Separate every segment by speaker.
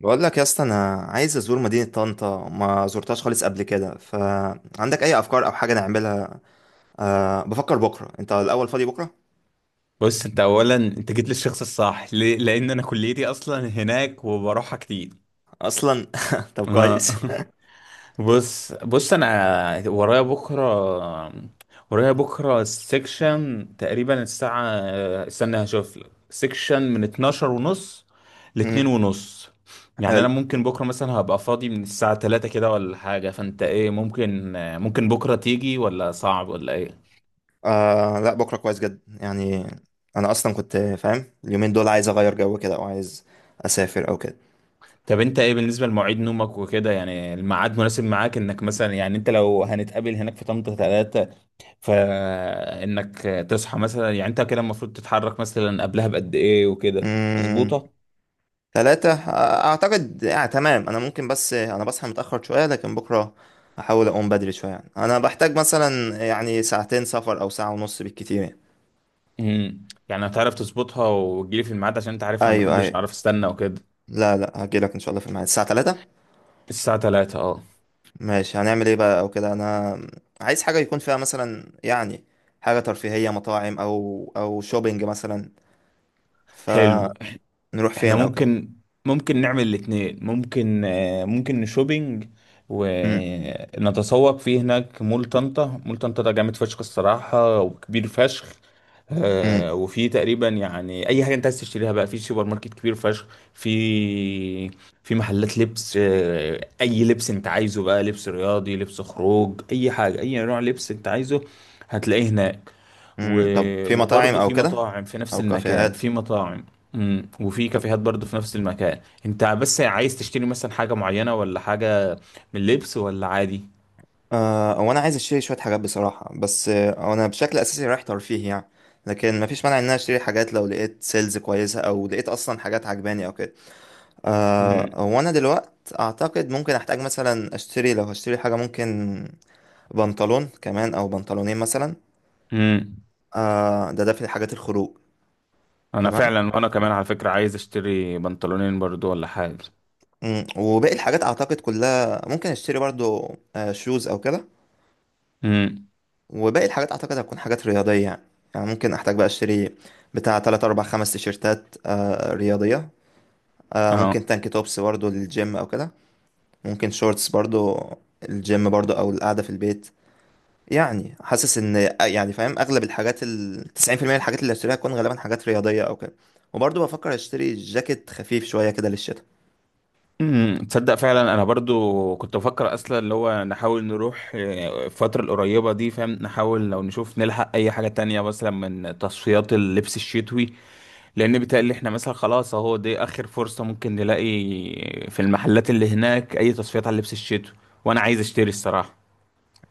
Speaker 1: بقول لك يا اسطى، انا عايز ازور مدينة طنطا، ما زرتهاش خالص قبل كده. فعندك اي افكار او حاجة نعملها؟ أه، بفكر بكرة. انت الاول فاضي بكرة؟
Speaker 2: بص انت اولا انت جيت للشخص الصح ليه؟ لان انا كليتي اصلا هناك وبروحها كتير.
Speaker 1: اصلا طب
Speaker 2: آه.
Speaker 1: كويس.
Speaker 2: بص انا ورايا بكره سيكشن تقريبا الساعه. استنى هشوف لك سيكشن من 12 ونص ل
Speaker 1: امم
Speaker 2: 2 ونص. يعني انا
Speaker 1: حلو.
Speaker 2: ممكن بكره مثلا هبقى فاضي من الساعه 3 كده ولا حاجه، فانت ايه ممكن بكره تيجي ولا صعب ولا ايه؟
Speaker 1: أه لا، بكرة كويس جدا يعني. انا اصلا كنت فاهم اليومين دول عايز اغير جو كده، او عايز اسافر او كده.
Speaker 2: طب انت ايه بالنسبه لمواعيد نومك وكده؟ يعني الميعاد مناسب معاك انك مثلا يعني انت لو هنتقابل هناك في طنطا 3، فانك تصحى مثلا، يعني انت كده المفروض تتحرك مثلا قبلها بقد ايه وكده
Speaker 1: امم
Speaker 2: مظبوطه؟
Speaker 1: ثلاثة، آه، اعتقد، آه، تمام. انا ممكن، بس انا بصحى متأخر شوية، لكن بكرة هحاول اقوم بدري شوية يعني. انا بحتاج مثلا يعني ساعتين سفر او ساعة ونص بالكتير يعني.
Speaker 2: يعني هتعرف تظبطها وتجيلي في الميعاد، عشان انت عارف انا ما
Speaker 1: ايوه
Speaker 2: بحبش
Speaker 1: ايوه
Speaker 2: اعرف استنى وكده.
Speaker 1: لا لا، هجيلك ان شاء الله في الميعاد الساعه 3.
Speaker 2: الساعه 3، اه.
Speaker 1: ماشي، هنعمل ايه بقى او كده؟ انا عايز حاجه يكون فيها مثلا يعني حاجه ترفيهيه، مطاعم او شوبينج مثلا.
Speaker 2: حلو،
Speaker 1: فنروح
Speaker 2: احنا
Speaker 1: فين او كده.
Speaker 2: ممكن نعمل الاتنين، ممكن نشوبينج
Speaker 1: امم
Speaker 2: ونتسوق فيه هناك. مول طنطا، مول طنطا ده جامد فشخ الصراحة وكبير فشخ.
Speaker 1: امم
Speaker 2: وفي تقريبا يعني اي حاجه انت عايز تشتريها بقى في سوبر ماركت كبير فشخ. في في محلات لبس، اي لبس انت عايزه، بقى لبس رياضي، لبس خروج، اي حاجه، اي نوع لبس انت عايزه هتلاقيه هناك.
Speaker 1: طب
Speaker 2: و-
Speaker 1: في مطاعم
Speaker 2: وبرضه
Speaker 1: او
Speaker 2: في
Speaker 1: كده؟
Speaker 2: مطاعم في نفس
Speaker 1: او
Speaker 2: المكان،
Speaker 1: كافيهات؟
Speaker 2: في مطاعم. مم. وفي
Speaker 1: طب
Speaker 2: كافيهات برضه في نفس المكان. انت بس عايز تشتري مثلا حاجه معينه ولا حاجه من لبس، ولا عادي؟
Speaker 1: آه، هو انا عايز اشتري شويه حاجات بصراحه، بس آه، انا بشكل اساسي رايح ترفيه يعني. لكن مفيش مانع ان انا اشتري حاجات لو لقيت سيلز كويسه او لقيت اصلا حاجات عجباني او كده. آه،
Speaker 2: مم.
Speaker 1: وانا دلوقت اعتقد ممكن احتاج مثلا اشتري، لو هشتري حاجه، ممكن بنطلون كمان او بنطلونين مثلا.
Speaker 2: مم.
Speaker 1: آه، ده في حاجات الخروج.
Speaker 2: انا
Speaker 1: تمام.
Speaker 2: فعلا، وانا كمان على فكرة عايز اشتري بنطلونين برضو ولا حاجة.
Speaker 1: مم، وباقي الحاجات اعتقد كلها ممكن اشتري برضو. آه، شوز او كده.
Speaker 2: امم.
Speaker 1: وباقي الحاجات اعتقد هتكون حاجات رياضيه يعني. يعني ممكن احتاج بقى اشتري بتاع 3 4 5 تيشيرتات، آه رياضيه. آه، ممكن
Speaker 2: اه.
Speaker 1: تانك توبس برضو للجيم او كده. ممكن شورتس برضو، الجيم برضو او القعده في البيت. يعني حاسس ان، يعني فاهم اغلب الحاجات، ال 90% من الحاجات اللي هشتريها هتكون غالبا حاجات رياضيه او كده. وبرضه بفكر اشتري جاكيت خفيف شويه كده للشتاء.
Speaker 2: تصدق فعلا انا برضو كنت بفكر اصلا اللي هو نحاول نروح، الفترة القريبة دي، فاهم، نحاول لو نشوف نلحق اي حاجة تانية مثلا من تصفيات اللبس الشتوي. لان بيتهيألي احنا مثلا خلاص اهو دي اخر فرصة ممكن نلاقي في المحلات اللي هناك اي تصفيات على اللبس الشتوي، وانا عايز اشتري الصراحة.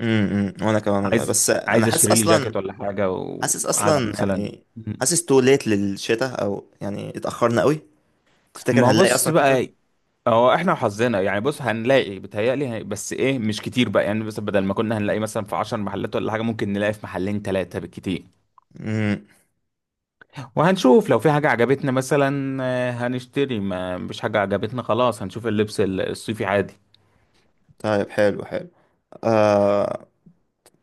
Speaker 1: امم. وانا كمان والله،
Speaker 2: عايز
Speaker 1: بس انا
Speaker 2: عايز
Speaker 1: حاسس
Speaker 2: اشتري لي
Speaker 1: اصلا.
Speaker 2: جاكيت ولا حاجة،
Speaker 1: حاسس
Speaker 2: وعلى
Speaker 1: اصلا
Speaker 2: مثلا.
Speaker 1: يعني،
Speaker 2: مم.
Speaker 1: حاسس تو ليت للشتاء، او يعني اتاخرنا قوي. تفتكر
Speaker 2: ما
Speaker 1: هنلاقي
Speaker 2: بص
Speaker 1: اصلا شتوي؟
Speaker 2: بقى، هو احنا وحظنا يعني. بص هنلاقي بتهيألي، بس ايه، مش كتير بقى يعني. بس بدل ما كنا هنلاقي مثلا في 10 محلات ولا حاجة، ممكن نلاقي في محلين 3 بالكتير.
Speaker 1: امم
Speaker 2: وهنشوف لو في حاجة عجبتنا مثلا، هنشتري، ما مش حاجة عجبتنا خلاص هنشوف اللبس الصيفي عادي.
Speaker 1: طيب، حلو. آه.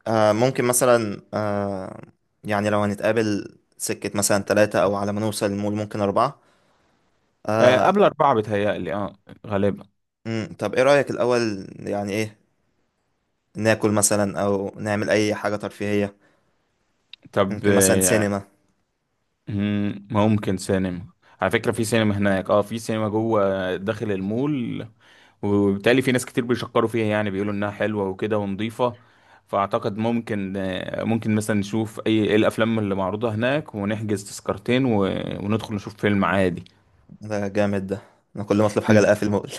Speaker 1: آه، ممكن مثلا، آه، يعني لو هنتقابل سكه مثلا ثلاثة او على ما نوصل المول ممكن أربعة. آه.
Speaker 2: قبل 4 بتهيألي، اه غالبا.
Speaker 1: طب ايه رأيك الأول؟ يعني، ايه، ناكل مثلا او نعمل اي حاجة ترفيهية؟
Speaker 2: طب.
Speaker 1: ممكن مثلا سينما.
Speaker 2: ممكن سينما. على فكرة في سينما هناك، اه، في سينما جوه داخل المول، وبالتالي في ناس كتير بيشكروا فيها، يعني بيقولوا انها حلوه وكده ونظيفه. فاعتقد ممكن، ممكن مثلا نشوف إيه الافلام اللي معروضه هناك، ونحجز تذكرتين و... وندخل نشوف فيلم عادي.
Speaker 1: ده جامد ده، انا كل ما اطلب حاجة
Speaker 2: انت.
Speaker 1: الاقيها في المول.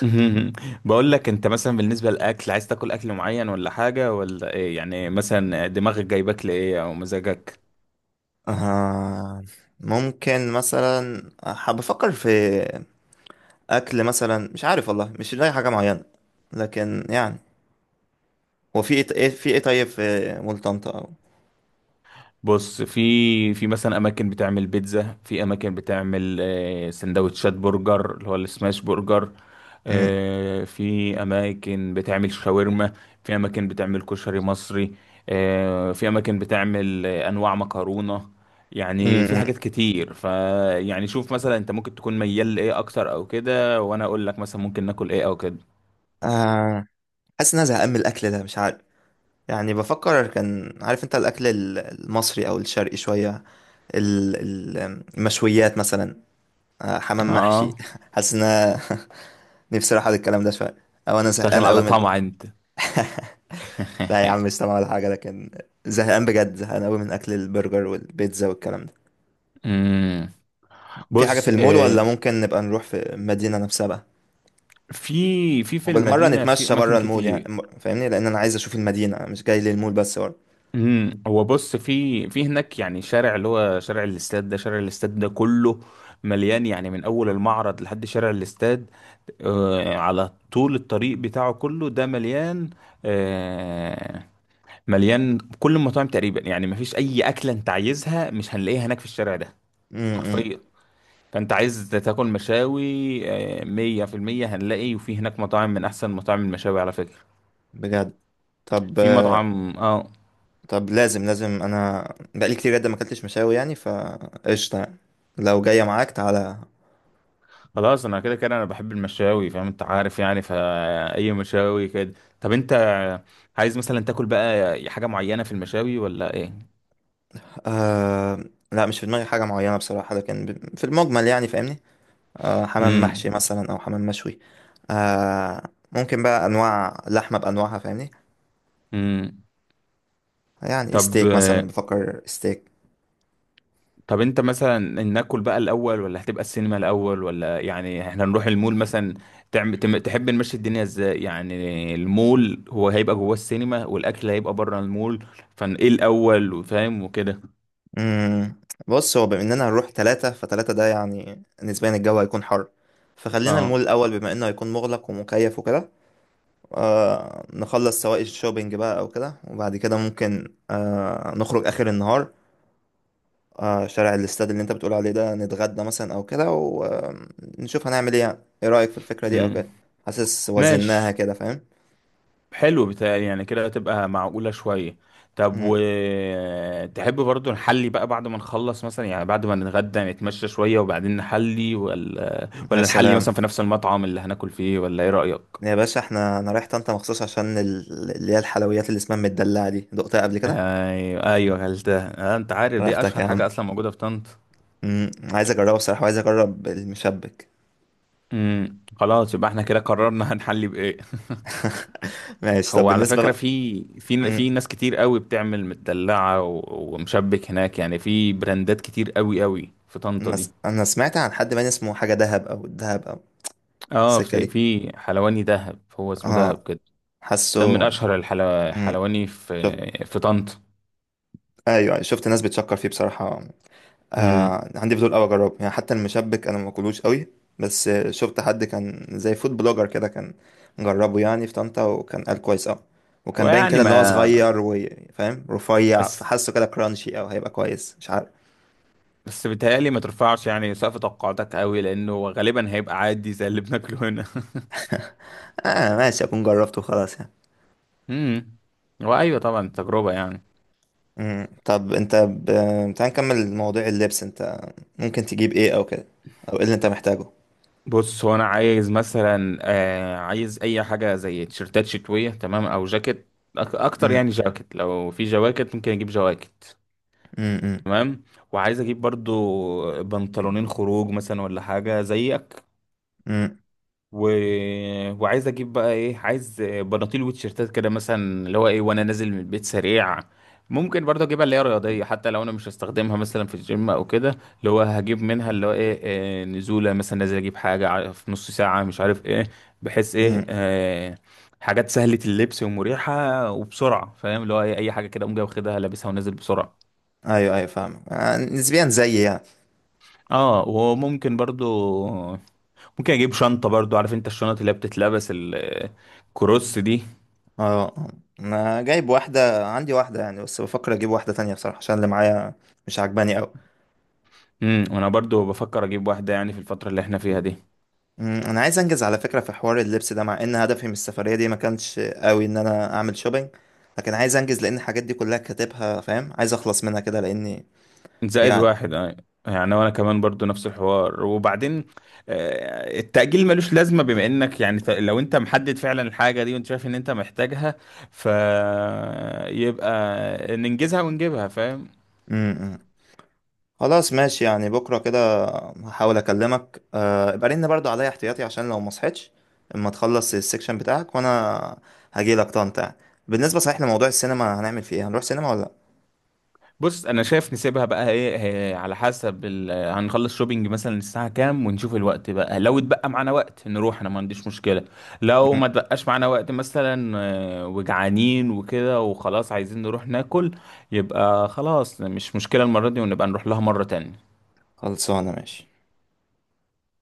Speaker 2: بقول لك انت مثلا بالنسبه للاكل، عايز تاكل اكل معين ولا حاجه ولا ايه؟ يعني مثلا دماغك جايبك لايه، او مزاجك؟
Speaker 1: آه، ممكن مثلا حاب افكر في اكل مثلا، مش عارف والله، مش لاقي حاجة معينة. لكن يعني، هو في ايه، في ايه؟ طيب في مول طنطا او.
Speaker 2: بص، في مثلا اماكن بتعمل بيتزا، في اماكن بتعمل سندوتشات برجر اللي هو السماش برجر،
Speaker 1: امم.
Speaker 2: في اماكن بتعمل شاورما، في اماكن بتعمل كشري مصري، في اماكن بتعمل انواع مكرونة. يعني في
Speaker 1: امم
Speaker 2: حاجات كتير يعني. شوف مثلا انت ممكن تكون ميال لايه اكتر او كده، وانا اقول لك مثلا ممكن ناكل ايه او كده.
Speaker 1: آه، حاسس ان انا زهقان من الاكل ده، مش عارف. يعني بفكر كان، عارف انت، الاكل المصري او الشرقي شوية، ال- ال- المشويات مثلا، آه، حمام محشي
Speaker 2: اه،
Speaker 1: حاسس ان أنا نفسي اروح على الكلام ده شويه، او انا
Speaker 2: داخل
Speaker 1: زهقان قوي
Speaker 2: على
Speaker 1: من
Speaker 2: طمع انت.
Speaker 1: لا يا عم، مش سامع ولا حاجه، لكن زهقان بجد، زهقان قوي من اكل البرجر والبيتزا والكلام ده.
Speaker 2: مم.
Speaker 1: في حاجه
Speaker 2: بص،
Speaker 1: في المول ولا ممكن نبقى نروح في المدينه نفسها بقى؟
Speaker 2: في
Speaker 1: وبالمره
Speaker 2: المدينة في
Speaker 1: نتمشى
Speaker 2: أماكن
Speaker 1: بره المول يعني،
Speaker 2: كتير.
Speaker 1: فاهمني. لان انا عايز اشوف المدينه، أنا مش جاي للمول بس برضه.
Speaker 2: هو بص، في هناك يعني شارع اللي هو شارع الاستاد ده كله مليان يعني، من أول المعرض لحد شارع الاستاد، على طول الطريق بتاعه كله ده مليان آه مليان كل المطاعم تقريبا يعني. مفيش أي أكلة أنت عايزها مش هنلاقيها هناك في الشارع ده
Speaker 1: امم.
Speaker 2: حرفيا. فأنت عايز تاكل مشاوي، 100% هنلاقي. وفي هناك مطاعم من أحسن مطاعم المشاوي على فكرة.
Speaker 1: بجد؟ طب
Speaker 2: في
Speaker 1: آه،
Speaker 2: مطعم
Speaker 1: طب لازم، انا بقالي كتير جدا ما اكلتش مشاوي يعني، فقشطه يعني. لو جايه معاك تعالى.
Speaker 2: خلاص، انا كده كده انا بحب المشاوي فاهم، انت عارف يعني، فاي مشاوي كده. طب انت عايز مثلا تاكل بقى حاجه معينه في المشاوي ولا ايه؟
Speaker 1: آه لا، مش في دماغي حاجة معينة بصراحة، لكن في المجمل يعني فاهمني. آه، حمام محشي
Speaker 2: امم.
Speaker 1: مثلا أو حمام مشوي. آه، ممكن بقى أنواع لحمة بأنواعها فاهمني.
Speaker 2: امم.
Speaker 1: يعني
Speaker 2: طب
Speaker 1: ستيك مثلا، بفكر ستيك.
Speaker 2: طب انت مثلا ناكل بقى الاول، ولا هتبقى السينما الاول، ولا يعني احنا نروح المول مثلا؟ تحب نمشي الدنيا ازاي؟ يعني المول هو هيبقى جوه، السينما والاكل هيبقى بره المول، فايه الاول وفاهم وكده؟
Speaker 1: مم. بص، هو بما إننا هنروح تلاتة، فتلاتة ده يعني نسبيا الجو هيكون حر، فخلينا
Speaker 2: اه.
Speaker 1: المول الأول بما إنه هيكون مغلق ومكيف وكده. آه، نخلص سواء الشوبينج بقى أو كده، وبعد كده ممكن آه نخرج آخر النهار. آه، شارع الاستاد اللي انت بتقول عليه ده، نتغدى مثلا او كده، ونشوف هنعمل ايه يعني. ايه رأيك في الفكرة دي او
Speaker 2: امم.
Speaker 1: كده؟ حاسس وزناها
Speaker 2: ماشي،
Speaker 1: كده فاهم.
Speaker 2: حلو، بتهيألي يعني كده هتبقى معقولة شوية. طب.
Speaker 1: مم.
Speaker 2: تحب برضو نحلي بقى بعد ما نخلص مثلا، يعني بعد ما نتغدى نتمشى شوية وبعدين نحلي، ولا
Speaker 1: يا
Speaker 2: ولا نحلي
Speaker 1: سلام،
Speaker 2: مثلا في نفس المطعم اللي هناكل فيه، ولا ايه رأيك؟
Speaker 1: يا باشا، احنا انا رايح طنطا مخصوص عشان اللي هي الحلويات اللي اسمها المدلعة دي، دقتها قبل كده؟
Speaker 2: ايوه، ايوه، غلتها، انت عارف دي
Speaker 1: واخدك يا
Speaker 2: اشهر حاجة
Speaker 1: عم.
Speaker 2: اصلا موجودة في طنطا.
Speaker 1: مم. عايز اجربها بصراحة، وعايز اجرب المشبك.
Speaker 2: امم. خلاص يبقى احنا كده قررنا هنحلي بايه.
Speaker 1: ماشي. طب
Speaker 2: هو على
Speaker 1: بالنسبة
Speaker 2: فكرة
Speaker 1: بقى.
Speaker 2: في
Speaker 1: مم.
Speaker 2: ناس كتير قوي بتعمل مدلعة و- ومشبك هناك، يعني في براندات كتير قوي قوي في طنطا
Speaker 1: انا
Speaker 2: دي.
Speaker 1: أنا سمعت عن حد باين اسمه حاجة دهب، او الدهب، او
Speaker 2: اه،
Speaker 1: السكة
Speaker 2: في
Speaker 1: دي.
Speaker 2: في حلواني دهب، هو اسمه
Speaker 1: اه.
Speaker 2: دهب كده، ده من
Speaker 1: حاسه.
Speaker 2: اشهر
Speaker 1: مم.
Speaker 2: الحلواني في
Speaker 1: شفت.
Speaker 2: في طنطا.
Speaker 1: ايوه، أيوه، شفت ناس بتشكر فيه بصراحة.
Speaker 2: امم.
Speaker 1: آه، عندي فضول قوي اجربه يعني، حتى المشبك انا ما باكلوش قوي. بس آه، شفت حد كان زي فود بلوجر كده، كان جربه يعني في طنطا، وكان قال كويس قوي. وكان باين
Speaker 2: ويعني
Speaker 1: كده ان هو
Speaker 2: ما
Speaker 1: صغير وفاهم رفيع،
Speaker 2: بس
Speaker 1: فحسه كده كرانشي قوي، هيبقى كويس مش عارف.
Speaker 2: بس بيتهيألي ما ترفعش يعني سقف توقعاتك قوي، لانه غالبا هيبقى عادي زي اللي بناكله هنا.
Speaker 1: اه، ماشي، اكون جربته خلاص يعني.
Speaker 2: امم. وايوه طبعا تجربه يعني.
Speaker 1: مم. طب انت ب... تعال نكمل مواضيع اللبس. انت ممكن تجيب ايه او كده، او ايه اللي انت محتاجه؟
Speaker 2: بص هو انا عايز مثلا، عايز اي حاجه زي تيشرتات شتويه تمام، او جاكيت اكتر،
Speaker 1: مم.
Speaker 2: يعني جاكيت، لو في جواكت ممكن اجيب جواكت.
Speaker 1: مم. مم.
Speaker 2: تمام. وعايز اجيب برضو بنطلونين خروج مثلا ولا حاجه زيك
Speaker 1: مم.
Speaker 2: و... وعايز اجيب بقى ايه، عايز بناطيل وتيشيرتات كده مثلا اللي هو ايه، وانا نازل من البيت سريع ممكن برضو اجيبها اللي هي رياضيه، حتى لو انا مش هستخدمها مثلا في الجيم او كده، اللي هو هجيب منها اللي هو ايه، نزوله مثلا، نازل اجيب حاجه في نص ساعه مش عارف ايه، بحيث
Speaker 1: مم.
Speaker 2: ايه، حاجات سهله اللبس ومريحه وبسرعه فاهم، اللي هو ايه، اي حاجه كده اقوم جاي واخدها لابسها ونازل بسرعه.
Speaker 1: ايوه فاهم، آه، نسبيا زيي يعني.
Speaker 2: اه، وممكن برضو ممكن اجيب شنطة برضو، عارف انت الشنط اللي هي بتتلبس ال- الكروس دي.
Speaker 1: اه. انا جايب واحدة، عندي واحدة يعني، بس بفكر اجيب واحدة تانية بصراحة، عشان اللي معايا مش عجباني قوي.
Speaker 2: امم. وانا برضو بفكر اجيب واحدة يعني في الفترة اللي احنا فيها دي.
Speaker 1: انا عايز انجز على فكرة في حوار اللبس ده، مع ان هدفي من السفرية دي ما كانش قوي ان انا اعمل شوبينج، لكن عايز انجز لان الحاجات دي كلها كاتبها فاهم، عايز اخلص منها كده لاني
Speaker 2: زائد
Speaker 1: يعني.
Speaker 2: واحد، آه. يعني وانا كمان برضو نفس الحوار، وبعدين التأجيل ملوش لازمة، بما انك يعني لو انت محدد فعلا الحاجة دي وانت شايف ان انت محتاجها، فيبقى ننجزها ونجيبها فاهم.
Speaker 1: امم. خلاص، ماشي يعني. بكرة كده هحاول اكلمك، آه، ابقى رن برضو عليا احتياطي عشان لو ما صحيتش، اما تخلص السكشن بتاعك، وانا هجيلك طنطا. بالنسبة صحيح لموضوع السينما، هنعمل فيه ايه؟ هنروح سينما ولا
Speaker 2: بص انا شايف نسيبها بقى ايه إيه، على حسب هنخلص شوبينج مثلا الساعه كام، ونشوف الوقت بقى، لو اتبقى معانا وقت نروح انا ما عنديش مشكله، لو
Speaker 1: لأ؟
Speaker 2: ما اتبقاش معانا وقت مثلا، وجعانين وكده وخلاص عايزين نروح ناكل، يبقى خلاص مش مشكله المره دي، ونبقى نروح لها مره تانية
Speaker 1: خلصانة ماشي.